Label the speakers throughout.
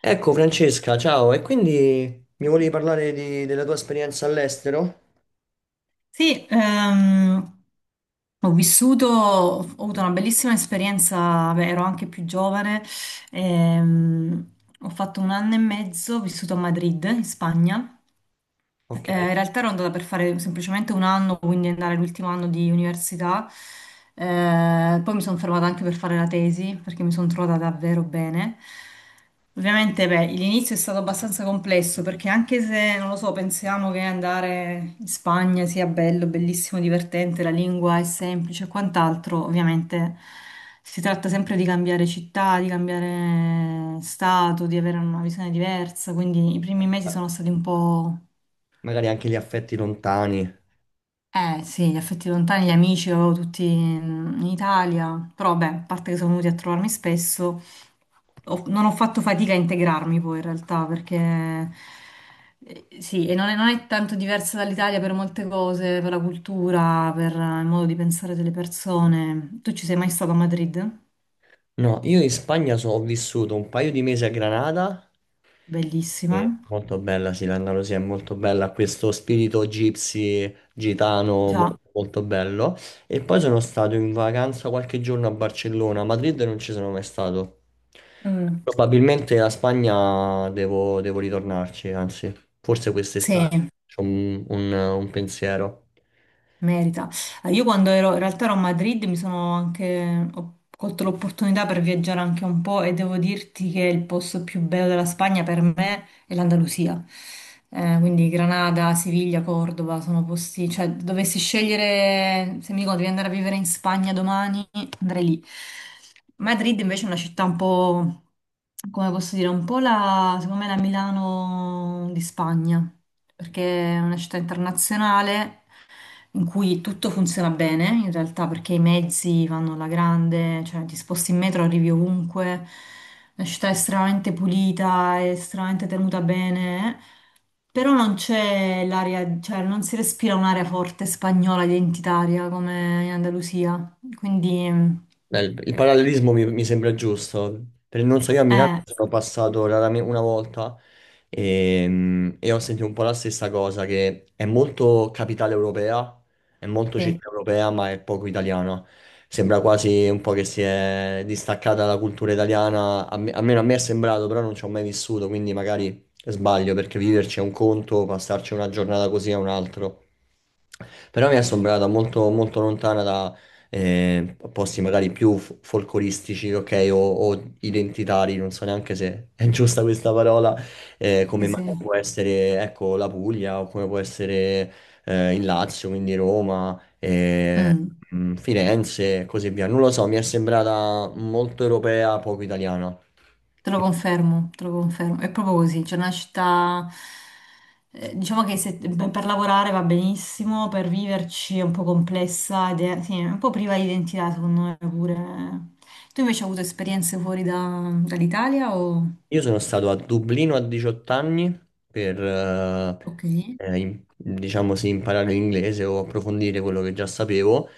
Speaker 1: Ecco Francesca, ciao, e quindi mi volevi parlare della tua esperienza all'estero?
Speaker 2: Sì, ho avuto una bellissima esperienza. Beh, ero anche più giovane. ehm, Ho fatto un anno e mezzo, ho vissuto a Madrid, in Spagna.
Speaker 1: Ok,
Speaker 2: Eh, in realtà ero andata per fare semplicemente un anno, quindi andare l'ultimo anno di università. Poi mi sono fermata anche per fare la tesi, perché mi sono trovata davvero bene. Ovviamente, beh, l'inizio è stato abbastanza complesso, perché anche se, non lo so, pensiamo che andare in Spagna sia bello, bellissimo, divertente, la lingua è semplice e quant'altro, ovviamente si tratta sempre di cambiare città, di cambiare stato, di avere una visione diversa, quindi i primi mesi sono stati un po'.
Speaker 1: magari anche gli affetti lontani.
Speaker 2: Eh sì, gli affetti lontani, gli amici, avevo tutti in Italia, però vabbè, a parte che sono venuti a trovarmi spesso, non ho fatto fatica a integrarmi poi in realtà, perché sì, e non è tanto diversa dall'Italia per molte cose, per la cultura, per il modo di pensare delle persone. Tu ci sei mai stato a Madrid?
Speaker 1: No, io in Spagna ho vissuto un paio di mesi a Granada. Sì,
Speaker 2: Bellissima.
Speaker 1: molto bella, sì, l'Andalusia è molto bella, ha questo spirito gypsy, gitano,
Speaker 2: Già.
Speaker 1: molto bello. E poi sono stato in vacanza qualche giorno a Barcellona, a Madrid non ci sono mai stato.
Speaker 2: Mm.
Speaker 1: Probabilmente la Spagna devo ritornarci, anzi, forse quest'estate
Speaker 2: Sì.
Speaker 1: c'ho un pensiero.
Speaker 2: Merita. Io in realtà ero a Madrid, ho colto l'opportunità per viaggiare anche un po' e devo dirti che il posto più bello della Spagna per me è l'Andalusia. Quindi Granada, Siviglia, Cordova sono posti, cioè dovessi scegliere, se mi dicono devi andare a vivere in Spagna domani, andrei lì. Madrid invece è una città un po', come posso dire, un po' secondo me la Milano di Spagna, perché è una città internazionale in cui tutto funziona bene in realtà, perché i mezzi vanno alla grande, cioè ti sposti in metro, arrivi ovunque, la città è estremamente pulita, è estremamente tenuta bene, però non c'è l'aria, cioè non si respira un'aria forte spagnola identitaria come in Andalusia, quindi
Speaker 1: Beh, il parallelismo mi sembra giusto. Per, non so, io a Milano
Speaker 2: eh,
Speaker 1: sono passato raramente una volta e ho sentito un po' la stessa cosa, che è molto capitale europea, è molto
Speaker 2: sì,
Speaker 1: città europea, ma è poco italiana. Sembra quasi un po' che si è distaccata dalla cultura italiana, almeno a me è sembrato, però non ci ho mai vissuto, quindi magari sbaglio, perché viverci è un conto, passarci una giornata così è un altro. Però mi è sembrata molto lontana, posti magari più folcloristici, ok, o identitari, non so neanche se è giusta questa parola,
Speaker 2: sì,
Speaker 1: come magari
Speaker 2: sì.
Speaker 1: può essere, ecco, la Puglia o come può essere il Lazio, quindi Roma,
Speaker 2: Mm.
Speaker 1: Firenze e così via. Non lo so, mi è sembrata molto europea, poco italiana.
Speaker 2: Te lo confermo, te lo confermo. È proprio così, c'è una città, diciamo che beh, per lavorare va benissimo, per viverci è un po' complessa ed è, sì, è un po' priva di identità, secondo me pure. Tu invece hai avuto esperienze fuori dall'Italia o...
Speaker 1: Io sono stato a Dublino a 18 anni per,
Speaker 2: Ok.
Speaker 1: diciamo sì, imparare l'inglese o approfondire quello che già sapevo,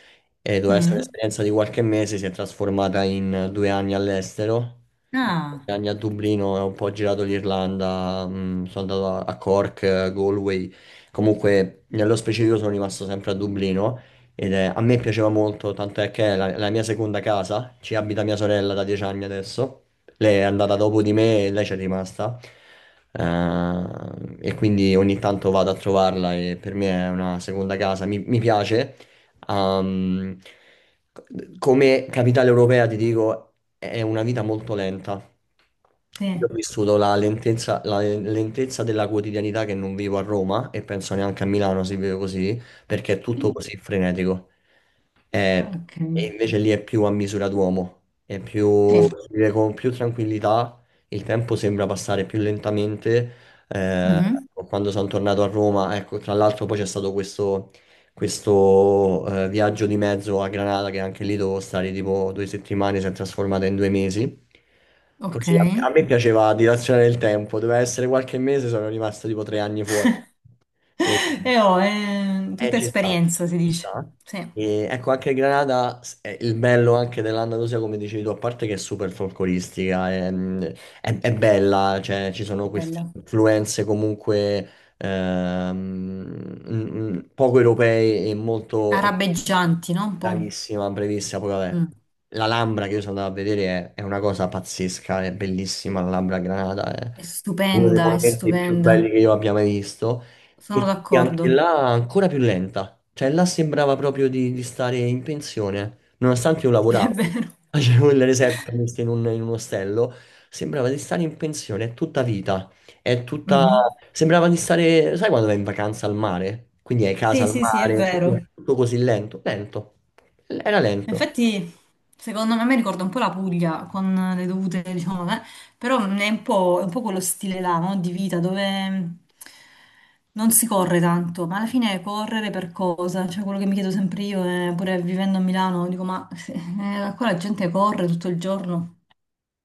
Speaker 1: e doveva essere
Speaker 2: Mm.
Speaker 1: un'esperienza di qualche mese, si è trasformata in 2 anni all'estero.
Speaker 2: Ah,
Speaker 1: 2 anni a Dublino, ho un po' girato l'Irlanda, sono andato a Cork, Galway, comunque nello specifico sono rimasto sempre a Dublino ed a me piaceva molto, tanto è che è la mia seconda casa, ci abita mia sorella da 10 anni adesso, lei è andata dopo di me e lei c'è rimasta. E quindi ogni tanto vado a trovarla e per me è una seconda casa. Mi piace. Ehm, Come capitale europea, ti dico, è una vita molto lenta.
Speaker 2: sì.
Speaker 1: Io ho vissuto la lentezza della quotidianità che non vivo a Roma e penso neanche a Milano si vive così, perché è tutto così frenetico.
Speaker 2: Ah,
Speaker 1: Eh,
Speaker 2: ok.
Speaker 1: E invece lì è più a misura d'uomo, è
Speaker 2: Sì.
Speaker 1: più, si vive con più tranquillità, il tempo sembra passare più lentamente. eh,
Speaker 2: Mhm.
Speaker 1: Quando sono tornato a Roma, ecco, tra l'altro poi c'è stato questo viaggio di mezzo a Granada, che anche lì dovevo stare tipo 2 settimane, si è trasformata in 2 mesi.
Speaker 2: Ok.
Speaker 1: Così a me piaceva dilazionare il tempo, doveva essere qualche mese, sono rimasto tipo 3 anni fuori. E,
Speaker 2: E ho, eh, tutta
Speaker 1: Ci sta,
Speaker 2: esperienza, si
Speaker 1: ci
Speaker 2: dice.
Speaker 1: sta.
Speaker 2: Sì,
Speaker 1: E, ecco, anche Granada, è il bello anche dell'Andalusia, come dicevi tu, a parte che è super folcloristica, è, è bella, cioè ci sono queste
Speaker 2: bella.
Speaker 1: influenze comunque. ehm, Poco europei e molto e
Speaker 2: Arabeggianti, no? Un po'.
Speaker 1: bravissima, brevissima. Poi vabbè,
Speaker 2: Mm.
Speaker 1: la Lambra che io sono andato a vedere è una cosa pazzesca, è bellissima la Lambra a Granada, è
Speaker 2: È
Speaker 1: uno dei
Speaker 2: stupenda, è
Speaker 1: monumenti più
Speaker 2: stupenda.
Speaker 1: belli che io abbia mai visto. E
Speaker 2: Sono
Speaker 1: quindi anche
Speaker 2: d'accordo.
Speaker 1: là ancora più lenta, cioè là sembrava proprio di stare in pensione, nonostante io
Speaker 2: Sì, è
Speaker 1: lavoravo,
Speaker 2: vero.
Speaker 1: facevo il receptionist in in un ostello, sembrava di stare in pensione, è tutta vita. È tutta...
Speaker 2: Mhm.
Speaker 1: Sembrava di stare... Sai quando vai in vacanza al mare? Quindi hai casa
Speaker 2: Sì,
Speaker 1: al
Speaker 2: sì, sì, è
Speaker 1: mare, quindi
Speaker 2: vero.
Speaker 1: è tutto così lento. Lento. Era
Speaker 2: Ma
Speaker 1: lento.
Speaker 2: infatti, secondo me, mi ricorda un po' la Puglia con le dovute, diciamo, però è un po' quello stile là, no? Di vita dove non si corre tanto, ma alla fine è correre per cosa? Cioè, quello che mi chiedo sempre io, è, pure vivendo a Milano, dico, ma qua la gente corre tutto il giorno.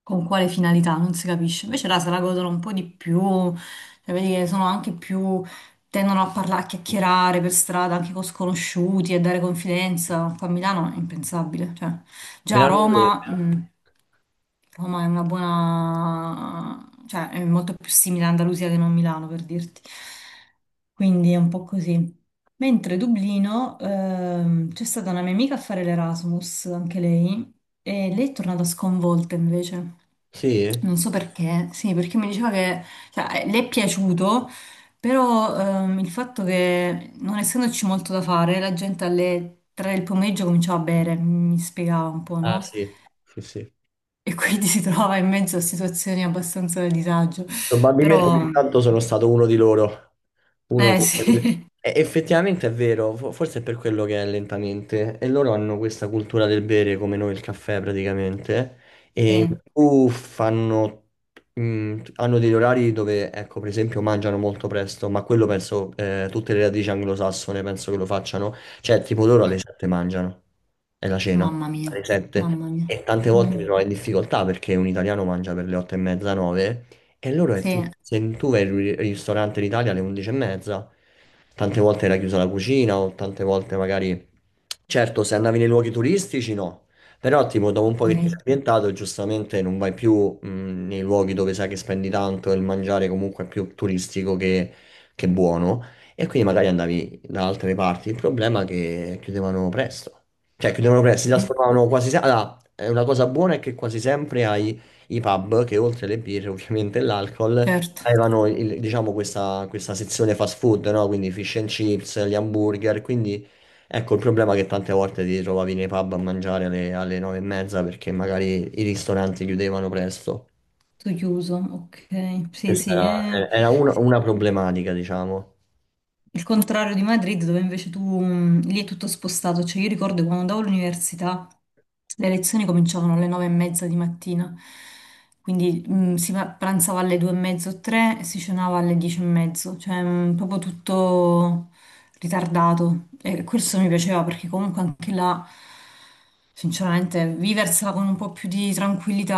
Speaker 2: Con quale finalità, non si capisce. Invece là se la godono un po' di più, cioè vedi che sono anche più, tendono a parlare, a chiacchierare per strada anche con sconosciuti e dare confidenza. Qua a Milano è impensabile, cioè
Speaker 1: Me
Speaker 2: già a
Speaker 1: l'hanno
Speaker 2: Roma,
Speaker 1: detto.
Speaker 2: Roma è una buona, cioè è molto più simile a Andalusia che non Milano, per dirti. Quindi è un po' così. Mentre Dublino, c'è stata una mia amica a fare l'Erasmus, anche lei, e lei è tornata sconvolta invece.
Speaker 1: Sì?
Speaker 2: Non so perché, sì, perché mi diceva che cioè, le è piaciuto, però il fatto che non essendoci molto da fare, la gente alle 3 del pomeriggio cominciava a bere, mi spiegava un po',
Speaker 1: Ah,
Speaker 2: no?
Speaker 1: sì. Sì, sì.
Speaker 2: E quindi si trovava in mezzo a situazioni abbastanza di disagio.
Speaker 1: Probabilmente ogni
Speaker 2: Però,
Speaker 1: tanto sono stato uno di loro. Uno
Speaker 2: eh
Speaker 1: di-
Speaker 2: sì,
Speaker 1: E effettivamente è vero, forse è per quello che è lentamente. E loro hanno questa cultura del bere come noi il caffè praticamente. E in
Speaker 2: sì.
Speaker 1: più hanno degli orari dove, ecco, per esempio, mangiano molto presto, ma quello penso, tutte le radici anglosassone penso che lo facciano. Cioè, tipo loro alle
Speaker 2: Mm.
Speaker 1: 7 mangiano, è la cena,
Speaker 2: Mamma mia,
Speaker 1: alle 7.
Speaker 2: mamma mia.
Speaker 1: E tante volte mi
Speaker 2: Mm,
Speaker 1: trovo in difficoltà perché un italiano mangia per le 8 e mezza, 9. E loro è
Speaker 2: sì,
Speaker 1: tipo, se tu vai al ristorante in Italia alle 11 e mezza, tante volte era chiusa la cucina o tante volte magari... Certo, se andavi nei luoghi turistici no, però tipo dopo un po' che ti
Speaker 2: ok.
Speaker 1: sei ambientato giustamente non vai più nei luoghi dove sai che spendi tanto e il mangiare comunque è più turistico che buono, e quindi magari andavi da altre parti. Il problema è che chiudevano presto, cioè chiudevano presto, si
Speaker 2: Mm,
Speaker 1: trasformavano quasi sempre... Allora, è una cosa buona è che quasi sempre hai i pub che oltre alle birre ovviamente e l'alcol
Speaker 2: certo.
Speaker 1: avevano diciamo questa sezione fast food, no? Quindi fish and chips, gli hamburger, quindi ecco il problema è che tante volte ti trovavi nei pub a mangiare alle nove e mezza perché magari i ristoranti chiudevano presto.
Speaker 2: Tutto chiuso, ok. Sì,
Speaker 1: Questa
Speaker 2: sì, è
Speaker 1: era
Speaker 2: sì.
Speaker 1: una problematica, diciamo.
Speaker 2: Il contrario di Madrid, dove invece tu lì è tutto spostato. Cioè, io ricordo quando andavo all'università, le lezioni cominciavano alle 9:30 di mattina, quindi si pranzava alle 2:30 o tre e si cenava alle 10:30, cioè proprio tutto ritardato. E questo mi piaceva perché comunque anche là. Sinceramente, viversela con un po' più di tranquillità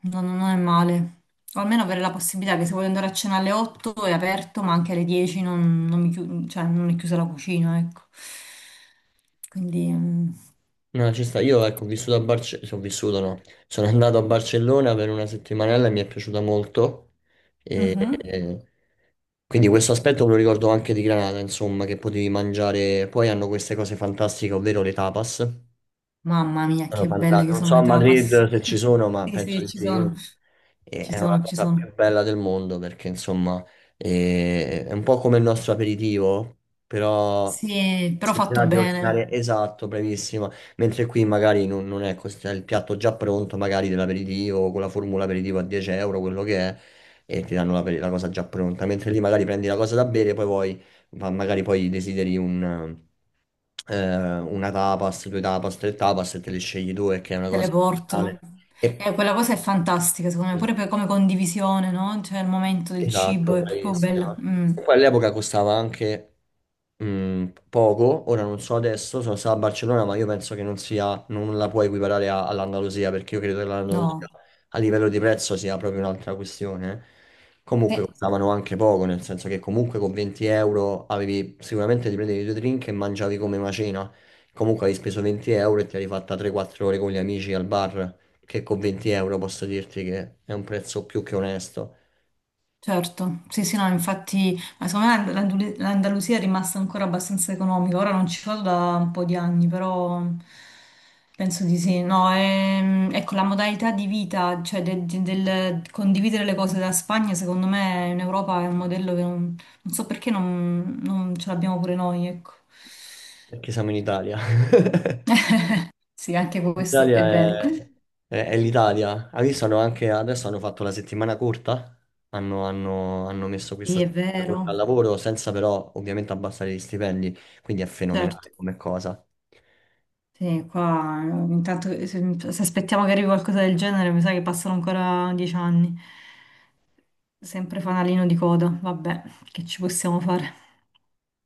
Speaker 2: non è male. O almeno avere la possibilità che se voglio andare a cena alle 8 è aperto, ma anche alle 10 non cioè, non è chiusa la cucina, ecco. Quindi. Mm.
Speaker 1: No, ci sta. Io ecco, ho vissuto a Barcellona, sono vissuto no, sono andato a Barcellona per una settimanella e mi è piaciuta molto. E,
Speaker 2: Mhm.
Speaker 1: e- quindi questo aspetto me lo ricordo anche di Granada, insomma, che potevi mangiare. Poi hanno queste cose fantastiche, ovvero le tapas.
Speaker 2: Mamma mia,
Speaker 1: Sono
Speaker 2: che belle
Speaker 1: fanta-,
Speaker 2: che
Speaker 1: non
Speaker 2: sono
Speaker 1: so a
Speaker 2: le tapas!
Speaker 1: Madrid se ci sono, ma
Speaker 2: Sì,
Speaker 1: penso
Speaker 2: sì,
Speaker 1: di
Speaker 2: ci
Speaker 1: sì.
Speaker 2: sono, ci
Speaker 1: È una
Speaker 2: sono, ci
Speaker 1: cosa
Speaker 2: sono.
Speaker 1: più bella del mondo perché, insomma, è un po' come il nostro aperitivo, però
Speaker 2: Sì, però
Speaker 1: si
Speaker 2: fatto
Speaker 1: tratta di
Speaker 2: bene,
Speaker 1: ordinare esatto, bravissima. Mentre qui magari non è così, c'è il piatto già pronto, magari dell'aperitivo, con la formula aperitivo a 10 euro, quello che è, e ti danno la cosa già pronta. Mentre lì magari prendi la cosa da bere, poi vuoi, ma magari poi desideri un una tapas, due tapas, tre tapas e te le scegli due, che è una
Speaker 2: te le
Speaker 1: cosa
Speaker 2: portano.
Speaker 1: fenomenale. E,
Speaker 2: E quella cosa è fantastica, secondo me, pure come condivisione, no? Cioè il momento del cibo
Speaker 1: Esatto,
Speaker 2: è proprio bella.
Speaker 1: bravissima.
Speaker 2: Mm,
Speaker 1: E poi all'epoca costava anche poco, ora non so adesso, sono stato a Barcellona, ma io penso che non sia, non la puoi equiparare all'Andalusia, perché io credo che l'Andalusia
Speaker 2: no.
Speaker 1: a livello di prezzo sia proprio un'altra questione. Comunque
Speaker 2: Sì.
Speaker 1: costavano anche poco, nel senso che comunque con 20 euro avevi, sicuramente ti prendevi due drink e mangiavi come una cena, comunque avevi speso 20 euro e ti eri fatta 3-4 ore con gli amici al bar, che con 20 euro posso dirti che è un prezzo più che onesto.
Speaker 2: Certo, sì, sì, no, infatti, ma secondo me l'Andalusia è rimasta ancora abbastanza economica, ora non ci vado da un po' di anni, però penso di sì, no, ecco, la modalità di vita, cioè del condividere le cose da Spagna, secondo me in Europa è un modello che non so perché non ce l'abbiamo pure noi, ecco.
Speaker 1: Perché siamo in Italia.
Speaker 2: Sì, anche questo
Speaker 1: L'Italia
Speaker 2: è vero.
Speaker 1: è l'Italia. Hai visto, hanno anche, adesso hanno fatto la settimana corta, hanno messo questa
Speaker 2: Sì, è
Speaker 1: settimana corta
Speaker 2: vero,
Speaker 1: al lavoro senza però ovviamente abbassare gli stipendi, quindi è
Speaker 2: certo.
Speaker 1: fenomenale come cosa.
Speaker 2: Sì, qua intanto se aspettiamo che arrivi qualcosa del genere, mi sa che passano ancora 10 anni. Sempre fanalino di coda, vabbè, che ci possiamo fare?